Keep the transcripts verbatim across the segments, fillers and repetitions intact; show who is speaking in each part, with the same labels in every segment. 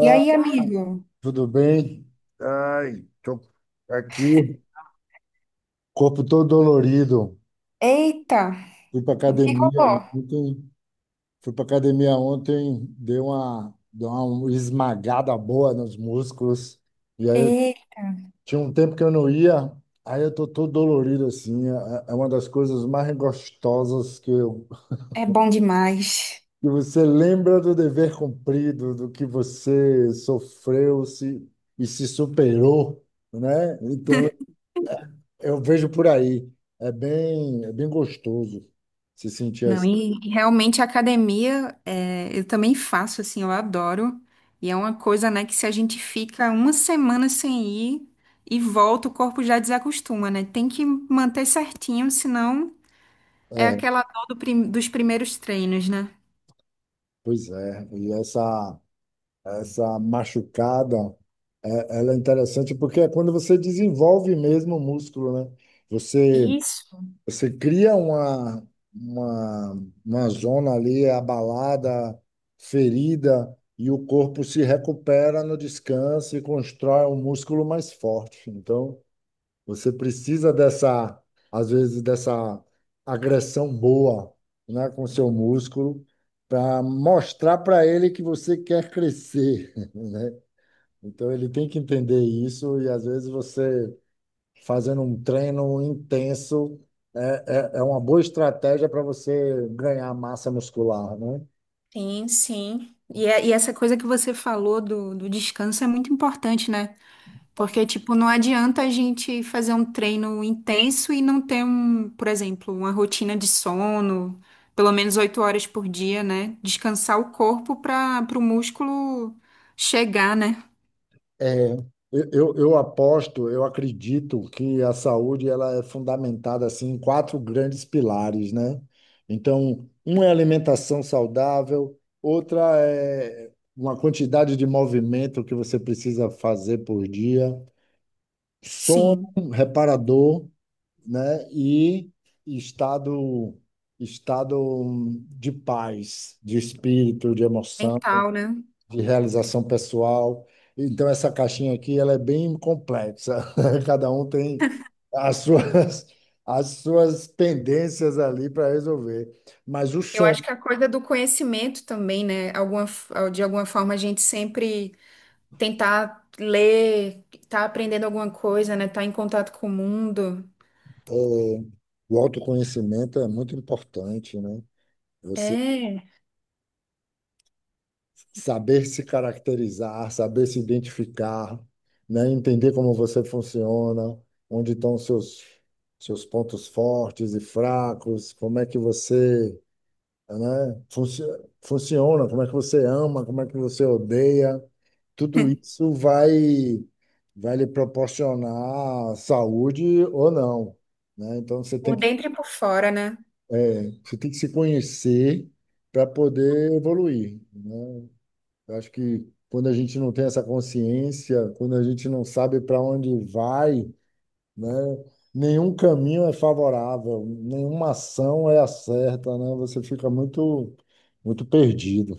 Speaker 1: E aí, amigo?
Speaker 2: tudo bem? Ai, tô aqui, corpo todo dolorido.
Speaker 1: Eita,
Speaker 2: Fui para
Speaker 1: o que
Speaker 2: academia
Speaker 1: rolou?
Speaker 2: ontem, fui para academia ontem, dei uma, dei uma esmagada boa nos músculos. E aí eu
Speaker 1: Eita,
Speaker 2: tinha um tempo que eu não ia, aí eu tô todo dolorido assim. É, é uma das coisas mais gostosas que eu
Speaker 1: é bom demais.
Speaker 2: que você lembra do dever cumprido, do que você sofreu se, e se superou, né? Então. Eu vejo por aí. É bem, é bem gostoso se sentir.
Speaker 1: Não,
Speaker 2: as-
Speaker 1: e e realmente a academia, é, eu também faço, assim, eu adoro. E é uma coisa, né, que se a gente fica uma semana sem ir e volta, o corpo já desacostuma, né? Tem que manter certinho, senão é
Speaker 2: É,
Speaker 1: aquela dor do prim- dos primeiros treinos, né?
Speaker 2: pois é. E essa, essa machucada, é, ela é interessante porque é quando você desenvolve mesmo o músculo, né? Você,
Speaker 1: Isso,
Speaker 2: você cria uma, uma, uma zona ali abalada, ferida, e o corpo se recupera no descanso e constrói um músculo mais forte. Então. Você precisa dessa, às vezes, dessa agressão boa, né, com seu músculo, para mostrar para ele que você quer crescer, né? Então ele tem que entender isso e às vezes você fazendo um treino intenso é, é, é uma boa estratégia para você ganhar massa muscular, né?
Speaker 1: sim, sim. E, é- e essa coisa que você falou do, do descanso é muito importante, né? Porque, tipo, não adianta a gente fazer um treino intenso e não ter um, por exemplo, uma rotina de sono, pelo menos oito horas por dia, né? Descansar o corpo para o músculo chegar, né?
Speaker 2: É, eu, eu eu aposto, eu acredito que a saúde ela é fundamentada assim em quatro grandes pilares, né? Então, um é alimentação saudável, outra é uma quantidade de movimento que você precisa fazer por dia, sono
Speaker 1: Sim,
Speaker 2: reparador, né? E estado estado de paz, de espírito, de emoção
Speaker 1: mental, né?
Speaker 2: de realização pessoal. Então, essa caixinha aqui, ela é bem complexa. Cada um tem as suas, as suas pendências ali para resolver. Mas o
Speaker 1: Eu
Speaker 2: som,
Speaker 1: acho que a coisa do conhecimento também, né? Alguma, de alguma forma a gente sempre tentar ler, tá aprendendo alguma coisa, né? Tá em contato com o mundo.
Speaker 2: é, o autoconhecimento é muito importante, né? Você
Speaker 1: É,
Speaker 2: saber se caracterizar, saber se identificar, né? Entender como você funciona, onde estão os seus, seus pontos fortes e fracos, como é que você, né? Funci- Funciona, como é que você ama, como é que você odeia, tudo isso vai vai lhe proporcionar saúde ou não, né? Então você tem
Speaker 1: por
Speaker 2: que
Speaker 1: dentro e por fora, né?
Speaker 2: é, você tem que se conhecer para poder evoluir, né? Eu acho que quando a gente não tem essa consciência, quando a gente não sabe para onde vai, né? Nenhum caminho é favorável, nenhuma ação é a certa, né? Você fica muito, muito perdido.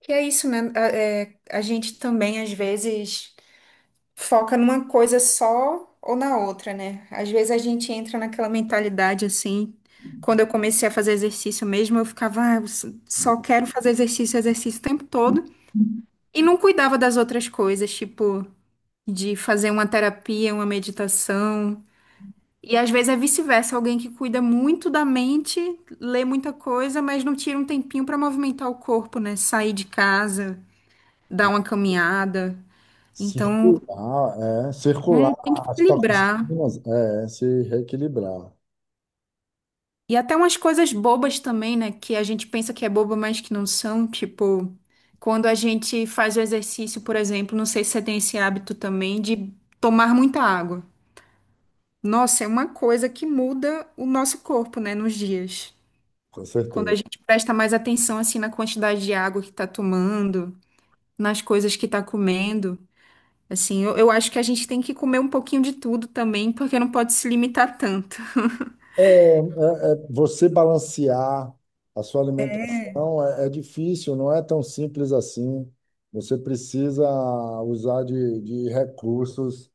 Speaker 1: Que é isso, né? A, é, a gente também, às vezes, foca numa coisa só ou na outra, né? Às vezes a gente entra naquela mentalidade assim. Quando eu comecei a fazer exercício mesmo, eu ficava, ah, eu s- só quero fazer exercício, exercício o tempo todo. E não cuidava das outras coisas, tipo, de fazer uma terapia, uma meditação. E às vezes é vice-versa, alguém que cuida muito da mente, lê muita coisa, mas não tira um tempinho para movimentar o corpo, né? Sair de casa dar uma caminhada. Então,
Speaker 2: Circular, é, circular
Speaker 1: é, tem que
Speaker 2: as
Speaker 1: equilibrar.
Speaker 2: toxinas, é, é se reequilibrar,
Speaker 1: E até umas coisas bobas também, né? Que a gente pensa que é boba, mas que não são. Tipo, quando a gente faz o exercício, por exemplo, não sei se você tem esse hábito também de tomar muita água. Nossa, é uma coisa que muda o nosso corpo, né? Nos dias.
Speaker 2: com
Speaker 1: Quando a
Speaker 2: certeza.
Speaker 1: gente presta mais atenção, assim, na quantidade de água que tá tomando, nas coisas que tá comendo. Assim, eu, eu acho que a gente tem que comer um pouquinho de tudo também, porque não pode se limitar tanto.
Speaker 2: É, é, é, você balancear a sua alimentação é, é difícil, não é tão simples assim. Você precisa usar de, de recursos,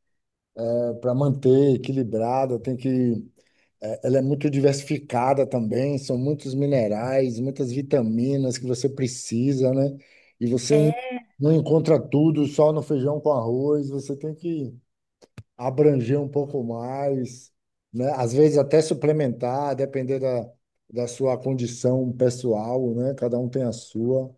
Speaker 2: é, para manter equilibrada, tem que É, Ela é muito diversificada também, são muitos minerais, muitas vitaminas que você precisa, né? E você não encontra tudo só no feijão com arroz, você tem que abranger um pouco mais, né? Às vezes até suplementar, depender da, da sua condição pessoal, né? Cada um tem a sua.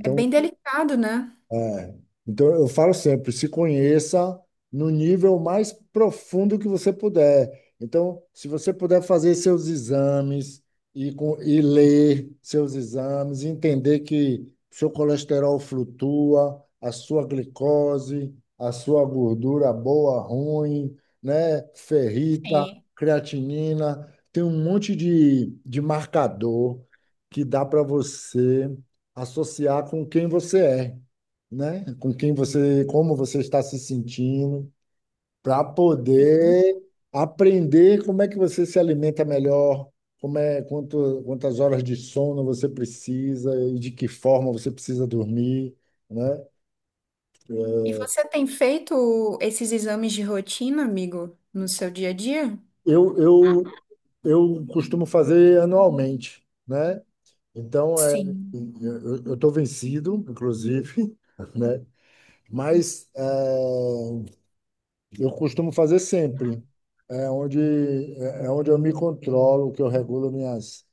Speaker 1: É bem delicado, né?
Speaker 2: é. Então, eu falo sempre, se conheça no nível mais profundo que você puder. Então, se você puder fazer seus exames e, com- e ler seus exames, entender que seu colesterol flutua, a sua glicose, a sua gordura boa, ruim, né? Ferrita,
Speaker 1: Sim,
Speaker 2: creatinina, tem um monte de, de marcador que dá para você associar com quem você é, né? Com quem você, como você está se sentindo, para
Speaker 1: sim.
Speaker 2: poder aprender como é que você se alimenta melhor, como é, quanto, quantas horas de sono você precisa e de que forma você precisa dormir, né?
Speaker 1: E
Speaker 2: É,
Speaker 1: você tem feito esses exames de rotina, amigo, no seu dia a dia?
Speaker 2: Eu, eu, eu costumo fazer anualmente, né? Então, é,
Speaker 1: Sim.
Speaker 2: eu estou vencido, inclusive, né? Mas é, Eu costumo fazer sempre. É onde, é é onde eu me controlo, que eu regulo minhas,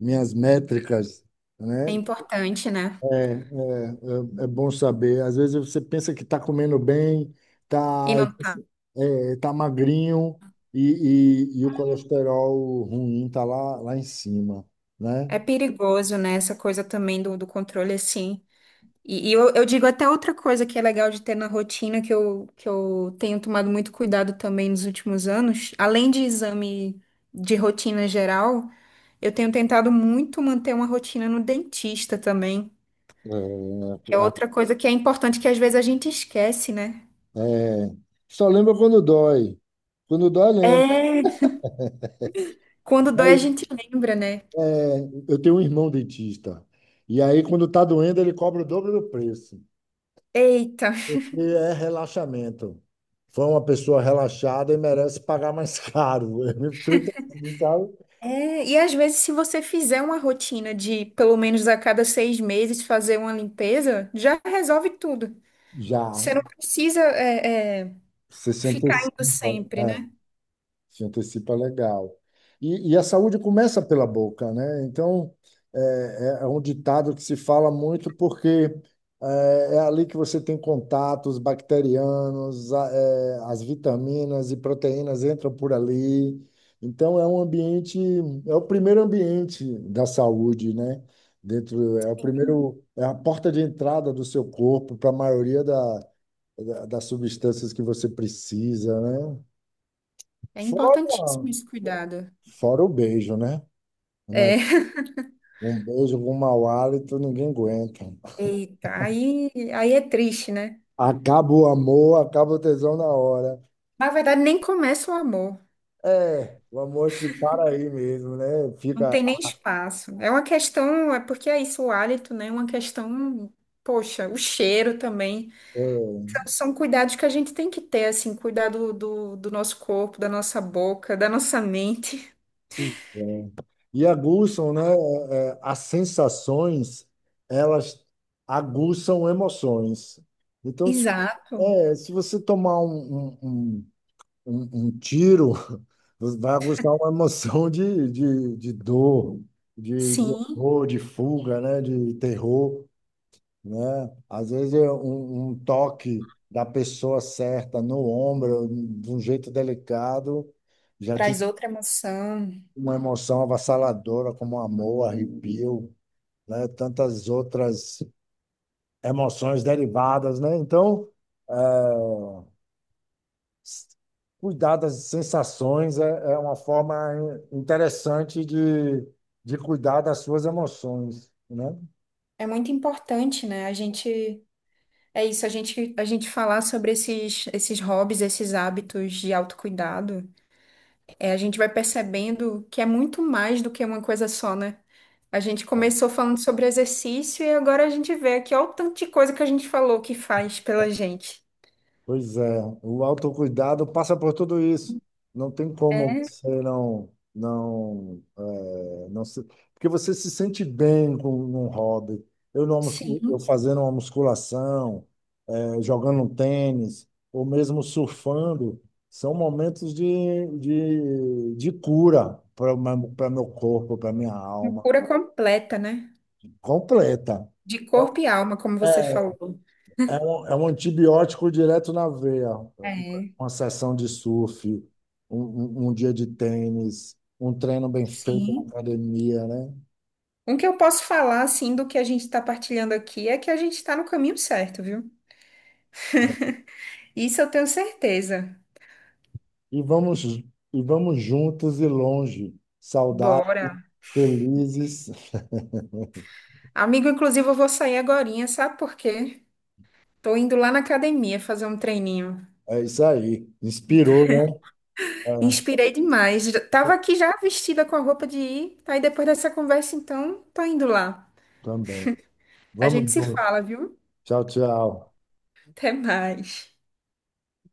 Speaker 2: minhas métricas,
Speaker 1: É
Speaker 2: né?
Speaker 1: importante, né?
Speaker 2: É, é, é, é bom saber. Às vezes você pensa que está comendo bem,
Speaker 1: E
Speaker 2: está
Speaker 1: não tá.
Speaker 2: é, tá magrinho e, e, e o colesterol ruim está lá, lá em cima, né?
Speaker 1: É perigoso, né? Essa coisa também do, do controle, assim. E, e eu, eu digo até outra coisa que é legal de ter na rotina, que eu, que eu tenho tomado muito cuidado também nos últimos anos. Além de exame de rotina geral, eu tenho tentado muito manter uma rotina no dentista também. Que é outra coisa que é importante que às vezes a gente esquece, né?
Speaker 2: É, é, é. só lembra quando dói. Quando dói, lembra.
Speaker 1: É, quando dói, a gente lembra, né?
Speaker 2: É, eu tenho um irmão dentista. E aí, quando tá doendo, ele cobra o dobro do preço,
Speaker 1: Eita.
Speaker 2: porque é relaxamento. Foi uma pessoa relaxada e merece pagar mais caro. Sabe?
Speaker 1: É, e às vezes, se você fizer uma rotina de pelo menos a cada seis meses fazer uma limpeza, já resolve tudo.
Speaker 2: Já,
Speaker 1: Você não precisa é, é,
Speaker 2: sessenta e
Speaker 1: ficar indo
Speaker 2: cinco.
Speaker 1: sempre,
Speaker 2: É.
Speaker 1: né?
Speaker 2: Se antecipa legal. E, e a saúde começa pela boca, né? Então, é, é é um ditado que se fala muito porque é, é ali que você tem contatos bacterianos, a- é, as vitaminas e proteínas entram por ali. Então, é um ambiente, é o primeiro ambiente da saúde, né? Dentro, é o primeiro, é a porta de entrada do seu corpo para a maioria da, da- das substâncias que você precisa, né?
Speaker 1: É
Speaker 2: Fora
Speaker 1: importantíssimo esse cuidado.
Speaker 2: Fora o beijo, né? Mas
Speaker 1: É.
Speaker 2: um beijo com mau hálito, ninguém aguenta.
Speaker 1: Eita, aí, aí é triste, né?
Speaker 2: Acaba o amor, acaba o tesão na hora.
Speaker 1: Na verdade, nem começa o amor.
Speaker 2: É, o amor acho que para aí mesmo, né?
Speaker 1: Não
Speaker 2: Fica.
Speaker 1: tem nem espaço. É uma questão, é porque é isso, o hálito, né? É uma questão, poxa, o cheiro também.
Speaker 2: É,
Speaker 1: Então, são cuidados que a gente tem que ter, assim, cuidado do, do do nosso corpo, da nossa boca, da nossa mente.
Speaker 2: pois é. E aguçam, né? é, é, as sensações, elas aguçam emoções. Então, se,
Speaker 1: Exato.
Speaker 2: é, se você tomar um, um- um um, um tiro vai aguçar uma emoção de, de, de dor, de, de
Speaker 1: Sim,
Speaker 2: horror, de fuga, né? De terror, né? Às vezes é um, um toque da pessoa certa no ombro, de um jeito delicado, já
Speaker 1: traz
Speaker 2: te
Speaker 1: outra emoção.
Speaker 2: uma emoção avassaladora como amor, arrepio, né? Tantas outras emoções derivadas, né? Então, eh, Cuidar das sensações é, é uma forma in- interessante de, de cuidar das suas emoções, né?
Speaker 1: É muito importante, né? A gente, é isso, a gente, a gente falar sobre esses, esses hobbies, esses hábitos de autocuidado, é, a gente vai percebendo que é muito mais do que uma coisa só, né? A gente começou falando sobre exercício e agora a gente vê aqui, olha o tanto de coisa que a gente falou que faz pela gente.
Speaker 2: Pois é, o autocuidado passa por tudo isso. Não tem como
Speaker 1: É,
Speaker 2: você não, não, é, não se... Porque você se sente bem com um hobby. Eu, não, mus- eu
Speaker 1: sim,
Speaker 2: fazendo uma musculação, eh, jogando um tênis, ou mesmo surfando, são momentos de, de, de cura para para meu corpo, para minha
Speaker 1: uma
Speaker 2: alma,
Speaker 1: cura completa, né?
Speaker 2: completa.
Speaker 1: De corpo
Speaker 2: É
Speaker 1: e alma, como você
Speaker 2: é,
Speaker 1: falou.
Speaker 2: é um, é um antibiótico direto na veia.
Speaker 1: É,
Speaker 2: Uma sessão de surf, um, um- um dia de tênis, um treino bem feito na
Speaker 1: sim.
Speaker 2: academia, né?
Speaker 1: Um que eu posso falar, assim, do que a gente está partilhando aqui é que a gente está no caminho certo, viu? Isso eu tenho certeza.
Speaker 2: E vamos, e vamos juntos e longe, saudáveis,
Speaker 1: Bora.
Speaker 2: felizes.
Speaker 1: Amigo, inclusive, eu vou sair agorinha, sabe por quê? Tô indo lá na academia fazer um treininho.
Speaker 2: É isso aí. Inspirou, né? É.
Speaker 1: Inspirei demais. Já- tava aqui já vestida com a roupa de ir. Aí depois dessa conversa, então, tô indo lá.
Speaker 2: Também.
Speaker 1: A
Speaker 2: Vamos
Speaker 1: gente se
Speaker 2: junto.
Speaker 1: fala, viu?
Speaker 2: Tchau, tchau.
Speaker 1: Até mais.